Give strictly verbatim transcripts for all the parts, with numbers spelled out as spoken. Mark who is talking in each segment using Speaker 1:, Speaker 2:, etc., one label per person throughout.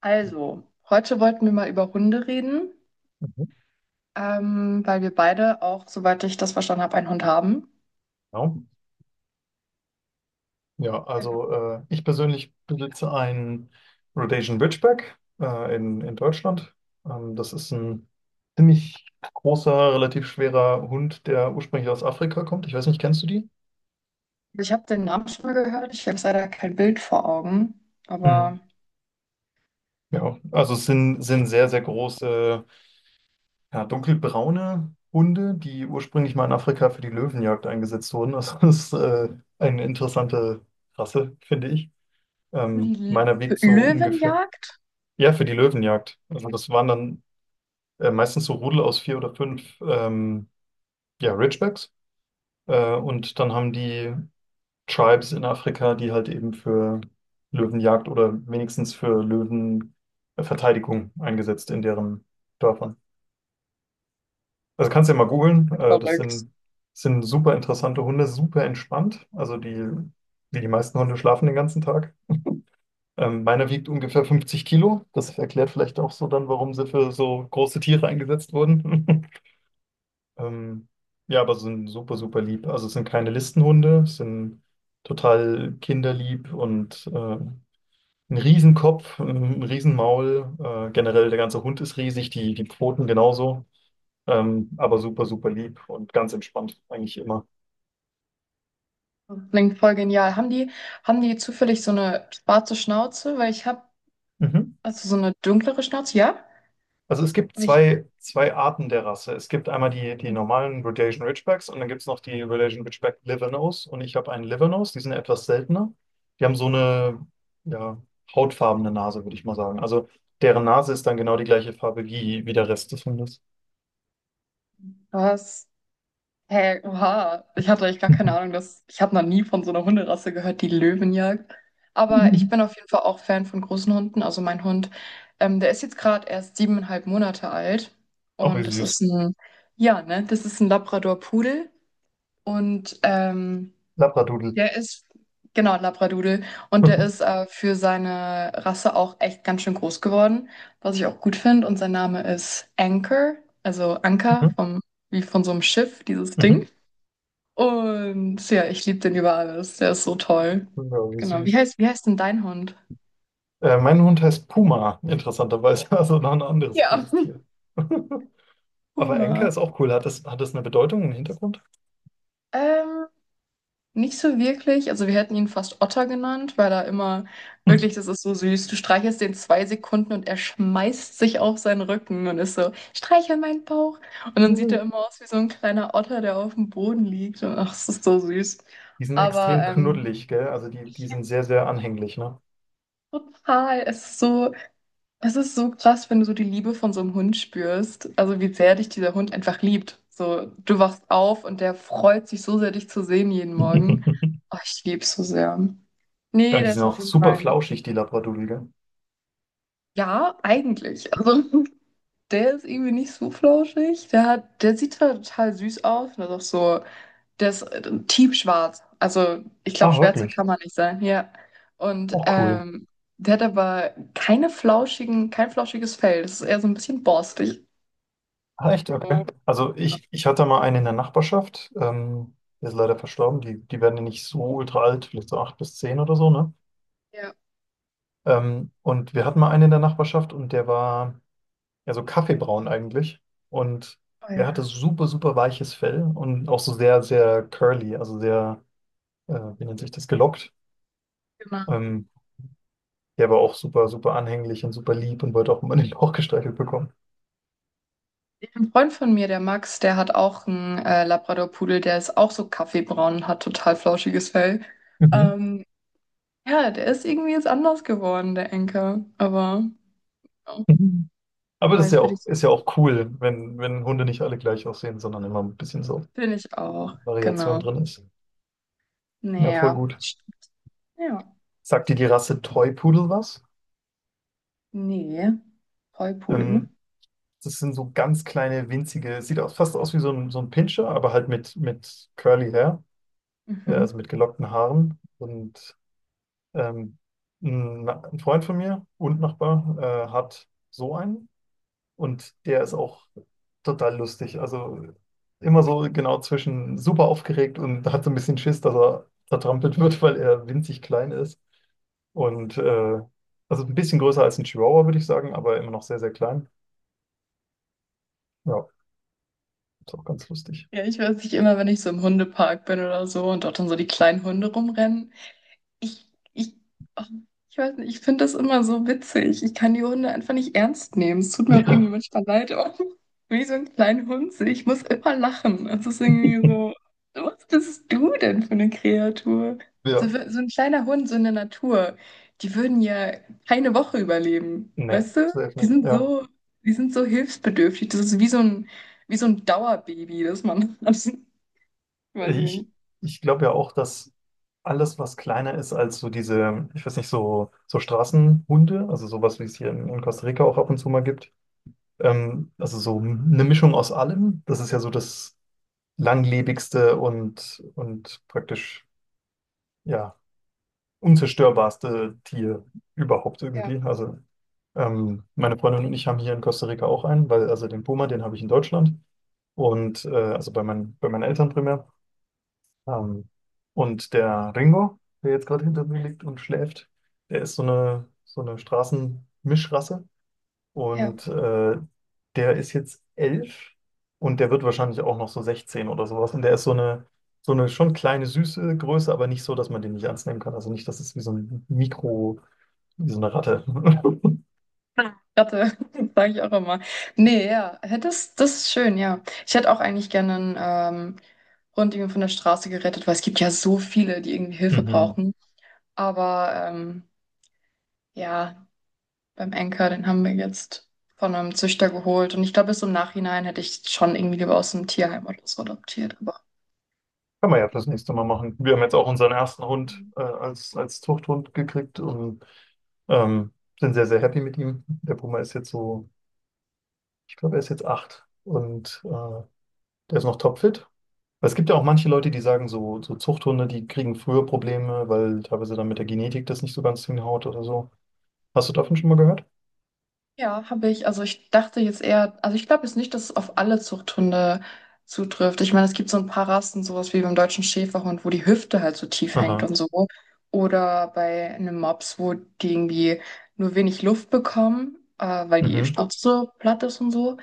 Speaker 1: Also, heute wollten wir mal über Hunde reden,
Speaker 2: Mhm.
Speaker 1: ähm, weil wir beide auch, soweit ich das verstanden habe, einen Hund haben.
Speaker 2: Ja, ja,
Speaker 1: Genau.
Speaker 2: also äh, ich persönlich besitze einen Rhodesian Ridgeback äh, in, in Deutschland. Ähm, das ist ein ziemlich großer, relativ schwerer Hund, der ursprünglich aus Afrika kommt. Ich weiß nicht, kennst du die?
Speaker 1: Also, ich habe den Namen schon mal gehört, ich habe leider kein Bild vor Augen,
Speaker 2: Mhm.
Speaker 1: aber
Speaker 2: Ja, also es sind, sind sehr, sehr große, ja, dunkelbraune Hunde, die ursprünglich mal in Afrika für die Löwenjagd eingesetzt wurden. Also das ist äh, eine interessante Rasse, finde ich. Ähm,
Speaker 1: die
Speaker 2: meiner
Speaker 1: L
Speaker 2: wiegt so ungefähr.
Speaker 1: Löwenjagd?
Speaker 2: Ja, für die Löwenjagd. Also das waren dann äh, meistens so Rudel aus vier oder fünf ähm, ja, Ridgebacks. Äh, und dann haben die Tribes in Afrika, die halt eben für Löwenjagd oder wenigstens für Löwenverteidigung eingesetzt in deren Dörfern. Also kannst du ja mal googeln. Äh, das
Speaker 1: Verrückt.
Speaker 2: sind, sind super interessante Hunde, super entspannt. Also die, wie die meisten Hunde schlafen den ganzen Tag. Ähm, meiner wiegt ungefähr 50 Kilo. Das erklärt vielleicht auch so dann, warum sie für so große Tiere eingesetzt wurden. Ähm, ja, aber sind super, super lieb. Also es sind keine Listenhunde, sind total kinderlieb und äh, ein Riesenkopf, ein Riesenmaul. Äh, generell der ganze Hund ist riesig, die, die Pfoten genauso. Ähm, aber super, super lieb und ganz entspannt, eigentlich immer.
Speaker 1: Klingt voll genial. Haben die, haben die zufällig so eine schwarze Schnauze? Weil ich habe,
Speaker 2: Mhm.
Speaker 1: also so eine dunklere Schnauze, ja?
Speaker 2: Also es gibt
Speaker 1: Aber ich,
Speaker 2: zwei, zwei Arten der Rasse. Es gibt einmal die, die normalen Rhodesian Ridgebacks und dann gibt es noch die Rhodesian Ridgeback Livernose. Und ich habe einen Livernose, die sind ja etwas seltener. Die haben so eine ja, hautfarbene Nase, würde ich mal sagen. Also deren Nase ist dann genau die gleiche Farbe wie, wie der Rest des Hundes.
Speaker 1: was? Hä, oha, ich hatte eigentlich gar keine Ahnung, dass ich habe noch nie von so einer Hunderasse gehört, die Löwen jagt. Aber ich bin auf jeden Fall auch Fan von großen Hunden. Also mein Hund, ähm, der ist jetzt gerade erst siebeneinhalb Monate alt
Speaker 2: Auch wie
Speaker 1: und das
Speaker 2: süß.
Speaker 1: ist ein, ja, ne, das ist ein Labrador-Pudel und ähm,
Speaker 2: Labradoodle.
Speaker 1: der ist genau ein Labradudel und der ist äh, für seine Rasse auch echt ganz schön groß geworden, was ich auch gut finde. Und sein Name ist Anchor, also Anker
Speaker 2: Mhm.
Speaker 1: vom, wie von so einem Schiff, dieses
Speaker 2: Mhm.
Speaker 1: Ding. Und ja, ich liebe den über alles. Der ist so toll.
Speaker 2: Ja, wie
Speaker 1: Genau. Wie
Speaker 2: süß.
Speaker 1: heißt, wie heißt denn dein Hund?
Speaker 2: Äh, mein Hund heißt Puma, interessanterweise. Also noch ein anderes
Speaker 1: Ja,
Speaker 2: großes Tier. Aber Enka
Speaker 1: Puma.
Speaker 2: ist auch cool. Hat das, hat das eine Bedeutung, einen Hintergrund?
Speaker 1: Ähm, nicht so wirklich. Also wir hätten ihn fast Otter genannt, weil er immer, wirklich, das ist so süß. Du streichelst den zwei Sekunden und er schmeißt sich auf seinen Rücken und ist so, streichel meinen Bauch. Und dann sieht er immer aus wie so ein kleiner Otter, der auf dem Boden liegt. Und ach, es ist so süß.
Speaker 2: Die sind
Speaker 1: Aber
Speaker 2: extrem
Speaker 1: ähm,
Speaker 2: knuddelig, gell? Also die, die
Speaker 1: ich
Speaker 2: sind sehr, sehr anhänglich, ne?
Speaker 1: total, es ist so. Es ist so krass, wenn du so die Liebe von so einem Hund spürst. Also wie sehr dich dieser Hund einfach liebt. So, du wachst auf und der freut sich so sehr, dich zu sehen jeden Morgen. Oh, ich liebe es so sehr.
Speaker 2: Ja,
Speaker 1: Nee,
Speaker 2: und die
Speaker 1: der
Speaker 2: sind
Speaker 1: ist auf
Speaker 2: auch
Speaker 1: jeden
Speaker 2: super
Speaker 1: Fall.
Speaker 2: flauschig, die Labradudel, gell?
Speaker 1: Ja, eigentlich. Also der ist irgendwie nicht so flauschig. Der hat, der sieht zwar total süß aus, und ist auch so, der ist äh, tiefschwarz. Also ich glaube,
Speaker 2: Ach,
Speaker 1: schwärzer
Speaker 2: wirklich?
Speaker 1: kann man nicht sein. Ja. Und
Speaker 2: Auch cool.
Speaker 1: ähm, der hat aber keine flauschigen, kein flauschiges Fell. Das ist eher so ein bisschen borstig.
Speaker 2: Ah, echt? Okay. Also
Speaker 1: Ja,
Speaker 2: ich, ich hatte mal eine in der Nachbarschaft, ähm, die ist leider verstorben, die, die werden ja nicht so ultra alt, vielleicht so acht bis zehn oder so, ne?
Speaker 1: ja,
Speaker 2: Ähm, und wir hatten mal einen in der Nachbarschaft und der war ja so kaffeebraun eigentlich und
Speaker 1: oh
Speaker 2: der hatte
Speaker 1: ja,
Speaker 2: super, super weiches Fell und auch so sehr, sehr curly, also sehr, äh, wie nennt sich das, gelockt.
Speaker 1: genau.
Speaker 2: Ähm, Der war auch super, super anhänglich und super lieb und wollte auch immer den Bauch gestreichelt bekommen.
Speaker 1: Ein Freund von mir, der Max, der hat auch einen äh, Labrador-Pudel, der ist auch so kaffeebraun und hat total flauschiges Fell.
Speaker 2: Mhm.
Speaker 1: Ähm, ja, der ist irgendwie jetzt anders geworden, der Enker. Aber ja.
Speaker 2: Mhm. Aber
Speaker 1: Oh,
Speaker 2: das ist ja
Speaker 1: jetzt will
Speaker 2: auch,
Speaker 1: ich,
Speaker 2: ist ja auch cool, wenn, wenn Hunde nicht alle gleich aussehen, sondern immer ein bisschen so
Speaker 1: will ich auch.
Speaker 2: Variation
Speaker 1: Genau.
Speaker 2: drin ist. Ja, voll
Speaker 1: Naja.
Speaker 2: gut.
Speaker 1: Ja. Ja.
Speaker 2: Sagt dir die Rasse Toy Pudel was?
Speaker 1: Nee. Vollpudel.
Speaker 2: Ähm, das sind so ganz kleine, winzige, sieht aus, fast aus wie so ein, so ein Pinscher, aber halt mit, mit Curly Hair, äh, also
Speaker 1: Mhm.
Speaker 2: mit gelockten Haaren. Und ähm, ein, ein Freund von mir und Nachbar äh, hat so einen. Und der ist auch total lustig. Also immer so genau zwischen super aufgeregt und hat so ein bisschen Schiss, dass er zertrampelt wird, weil er winzig klein ist. Und äh, also ein bisschen größer als ein Chihuahua, würde ich sagen, aber immer noch sehr, sehr klein. Ja, ist auch ganz lustig.
Speaker 1: Ja, ich weiß nicht, immer wenn ich so im Hundepark bin oder so und dort dann so die kleinen Hunde rumrennen. Ich, ich, oh, ich weiß nicht, ich finde das immer so witzig. Ich kann die Hunde einfach nicht ernst nehmen. Es tut mir auch irgendwie
Speaker 2: Ja,
Speaker 1: manchmal leid, aber wie so ein kleiner Hund. Ich muss immer lachen. Es ist irgendwie so, was bist du denn für eine Kreatur?
Speaker 2: ja.
Speaker 1: So, wi- so ein kleiner Hund, so in der Natur, die würden ja keine Woche überleben.
Speaker 2: Nee,
Speaker 1: Weißt du?
Speaker 2: safe
Speaker 1: Die
Speaker 2: nicht.
Speaker 1: sind
Speaker 2: Ja.
Speaker 1: so, die sind so hilfsbedürftig. Das ist wie so ein, wie so ein Dauerbaby, das man hat. Ich weiß
Speaker 2: Ich,
Speaker 1: nicht.
Speaker 2: ich glaube ja auch, dass alles, was kleiner ist als so diese, ich weiß nicht, so, so Straßenhunde, also sowas, wie es hier in, in Costa Rica auch ab und zu mal gibt. Ähm, also so eine Mischung aus allem. Das ist ja so das langlebigste und, und praktisch ja unzerstörbarste Tier überhaupt
Speaker 1: Ja.
Speaker 2: irgendwie. Also ähm, meine Freundin und ich haben hier in Costa Rica auch einen, weil also den Puma, den habe ich in Deutschland und äh, also bei meinen, bei meinen Eltern primär. Ähm, und der Ringo, der jetzt gerade hinter mir liegt und schläft, der ist so eine, so eine Straßenmischrasse.
Speaker 1: Ja.
Speaker 2: Und äh, der ist jetzt elf und der wird wahrscheinlich auch noch so sechzehn oder sowas. Und der ist so eine, so eine schon kleine, süße Größe, aber nicht so, dass man den nicht ernst nehmen kann. Also nicht, dass es wie so ein Mikro, wie so eine Ratte.
Speaker 1: Ratte, sage ich auch immer. Nee, ja, hä, das, das ist schön, ja. Ich hätte auch eigentlich gerne einen ähm, Rundjungen von der Straße gerettet, weil es gibt ja so viele, die irgendwie Hilfe
Speaker 2: Mhm.
Speaker 1: brauchen. Aber ähm, ja, beim Enker, den haben wir jetzt von einem Züchter geholt. Und ich glaube, bis im Nachhinein hätte ich schon irgendwie lieber aus einem Tierheim oder so adoptiert. Aber
Speaker 2: Kann man ja fürs nächste Mal machen. Wir haben jetzt auch unseren ersten Hund äh, als, als Zuchthund gekriegt und ähm, sind sehr, sehr happy mit ihm. Der Puma ist jetzt so, ich glaube, er ist jetzt acht und äh, der ist noch topfit. Es gibt ja auch manche Leute, die sagen, so, so Zuchthunde, die kriegen früher Probleme, weil teilweise dann mit der Genetik das nicht so ganz hinhaut oder so. Hast du davon schon mal gehört?
Speaker 1: ja, habe ich. Also ich dachte jetzt eher, also ich glaube jetzt nicht, dass es auf alle Zuchthunde zutrifft. Ich meine, es gibt so ein paar Rassen, sowas wie beim deutschen Schäferhund, wo die Hüfte halt so tief hängt
Speaker 2: Aha.
Speaker 1: und so. Oder bei einem Mops, wo die irgendwie nur wenig Luft bekommen, äh, weil die
Speaker 2: Mhm.
Speaker 1: Schnauze so platt ist und so.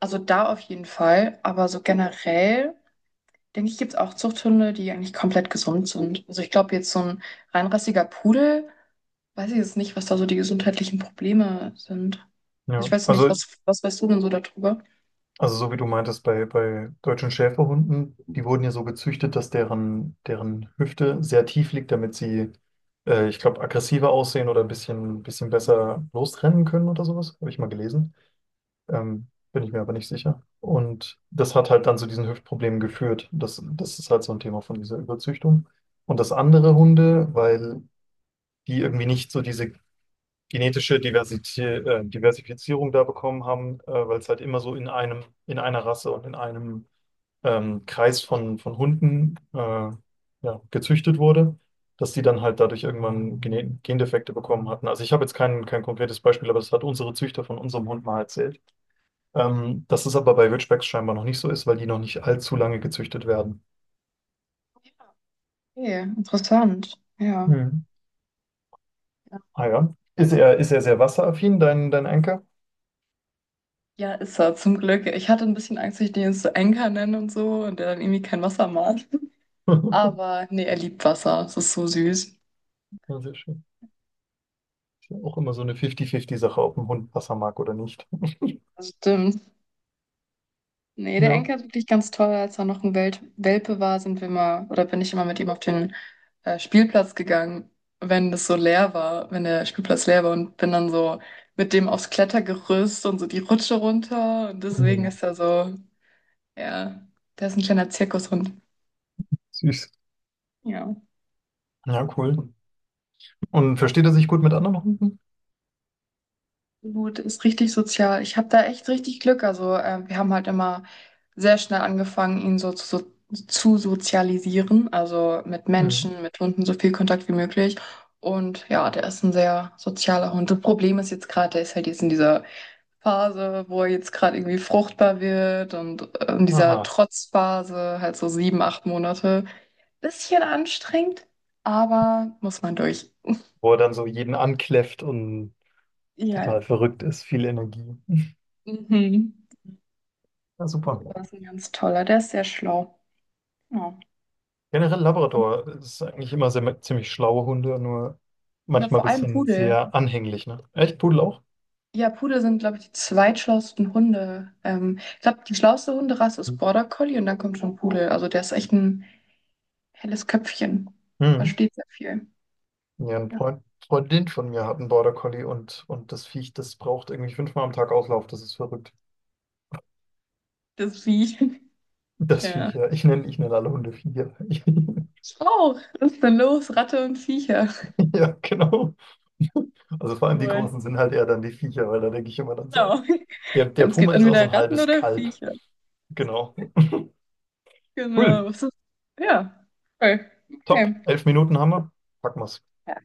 Speaker 1: Also da auf jeden Fall. Aber so generell, denke ich, gibt es auch Zuchthunde, die eigentlich komplett gesund sind. Also ich glaube jetzt so ein reinrassiger Pudel. Weiß ich jetzt nicht, was da so die gesundheitlichen Probleme sind. Ich
Speaker 2: Ja.
Speaker 1: weiß nicht,
Speaker 2: Also,
Speaker 1: was, was weißt du denn so darüber?
Speaker 2: also so wie du meintest, bei, bei deutschen Schäferhunden, die wurden ja so gezüchtet, dass deren, deren Hüfte sehr tief liegt, damit sie äh, ich glaube aggressiver aussehen oder ein bisschen, bisschen besser losrennen können oder sowas. Habe ich mal gelesen. Ähm, bin ich mir aber nicht sicher. Und das hat halt dann zu diesen Hüftproblemen geführt. Das, das ist halt so ein Thema von dieser Überzüchtung. Und das andere Hunde, weil die irgendwie nicht so diese genetische Diversität, äh, Diversifizierung da bekommen haben, äh, weil es halt immer so in einem, in einer Rasse und in einem ähm, Kreis von, von Hunden, äh, ja, gezüchtet wurde, dass die dann halt dadurch irgendwann Gene Gendefekte bekommen hatten. Also ich habe jetzt kein, kein konkretes Beispiel, aber das hat unsere Züchter von unserem Hund mal erzählt, ähm, dass es aber bei Ridgebacks scheinbar noch nicht so ist, weil die noch nicht allzu lange gezüchtet werden.
Speaker 1: Okay, interessant. Ja.
Speaker 2: Mhm. Ah ja. Ist er, ist er sehr wasseraffin, dein, dein Anker?
Speaker 1: Ja, ist er, zum Glück. Ich hatte ein bisschen Angst, dass ich den jetzt so Enker nenne und so und der dann irgendwie kein Wasser mag. Aber nee, er liebt Wasser. Das ist so süß.
Speaker 2: Ja, sehr schön. Ist ja auch immer so eine fünfzig fünfzig-Sache, ob ein Hund Wasser mag oder nicht.
Speaker 1: Das stimmt. Nee, der
Speaker 2: Ja.
Speaker 1: Enker ist wirklich ganz toll. Als er noch ein Wel Welpe war, sind wir mal, oder bin ich immer mit ihm auf den äh, Spielplatz gegangen, wenn das so leer war, wenn der Spielplatz leer war und bin dann so mit dem aufs Klettergerüst und so die Rutsche runter. Und deswegen
Speaker 2: Mhm.
Speaker 1: ist er so, ja, der ist ein kleiner Zirkushund.
Speaker 2: Süß.
Speaker 1: Ja.
Speaker 2: Ja, cool. Und versteht er sich gut mit anderen Hunden?
Speaker 1: Gut, ist richtig sozial. Ich habe da echt richtig Glück. Also ähm, wir haben halt immer sehr schnell angefangen, ihn so zu, so zu sozialisieren. Also mit
Speaker 2: Mhm.
Speaker 1: Menschen, mit Hunden so viel Kontakt wie möglich. Und ja, der ist ein sehr sozialer Hund. Das Problem ist jetzt gerade, der ist halt jetzt in dieser Phase, wo er jetzt gerade irgendwie fruchtbar wird und äh, in dieser
Speaker 2: Aha.
Speaker 1: Trotzphase, halt so sieben, acht Monate. Bisschen anstrengend, aber muss man durch.
Speaker 2: Wo er dann so jeden ankläfft und
Speaker 1: Ja.
Speaker 2: total verrückt ist, viel Energie.
Speaker 1: Mhm.
Speaker 2: Ja, super.
Speaker 1: Das ist ein ganz toller, der ist sehr schlau. Ja.
Speaker 2: Generell
Speaker 1: Und
Speaker 2: Labrador ist eigentlich immer sehr, ziemlich schlaue Hunde, nur
Speaker 1: ja,
Speaker 2: manchmal ein
Speaker 1: vor allem
Speaker 2: bisschen
Speaker 1: Pudel.
Speaker 2: sehr anhänglich, ne? Echt, Pudel auch?
Speaker 1: Ja, Pudel sind, glaube ich, die zweitschlauesten Hunde. Ähm, ich glaube, die schlauste Hunderasse ist Border Collie und dann kommt schon Pudel. Also der ist echt ein helles Köpfchen.
Speaker 2: Mhm.
Speaker 1: Versteht sehr viel.
Speaker 2: Ja, ein
Speaker 1: Ja.
Speaker 2: Freund, Freundin von mir hat einen Border Collie und, und das Viech, das braucht irgendwie fünfmal am Tag Auslauf. Das ist verrückt.
Speaker 1: Das Vieh.
Speaker 2: Das
Speaker 1: Ja.
Speaker 2: Viech, ja. Ich nenne, ich nenne alle Hunde Viecher.
Speaker 1: Ich auch. Was ist denn los? Ratte und Viecher.
Speaker 2: Ja, genau. Also vor allem die
Speaker 1: Cool.
Speaker 2: Großen sind halt eher dann die Viecher, weil da denke ich immer dann so an.
Speaker 1: Genau.
Speaker 2: Der, der
Speaker 1: Es
Speaker 2: Puma
Speaker 1: gibt
Speaker 2: ist auch so
Speaker 1: entweder
Speaker 2: ein
Speaker 1: Ratten
Speaker 2: halbes
Speaker 1: oder
Speaker 2: Kalb.
Speaker 1: Viecher.
Speaker 2: Genau. Cool.
Speaker 1: Genau. Was ist- Ja. Cool.
Speaker 2: Top.
Speaker 1: Okay.
Speaker 2: Elf Minuten haben wir. Packen wir's.
Speaker 1: Ja.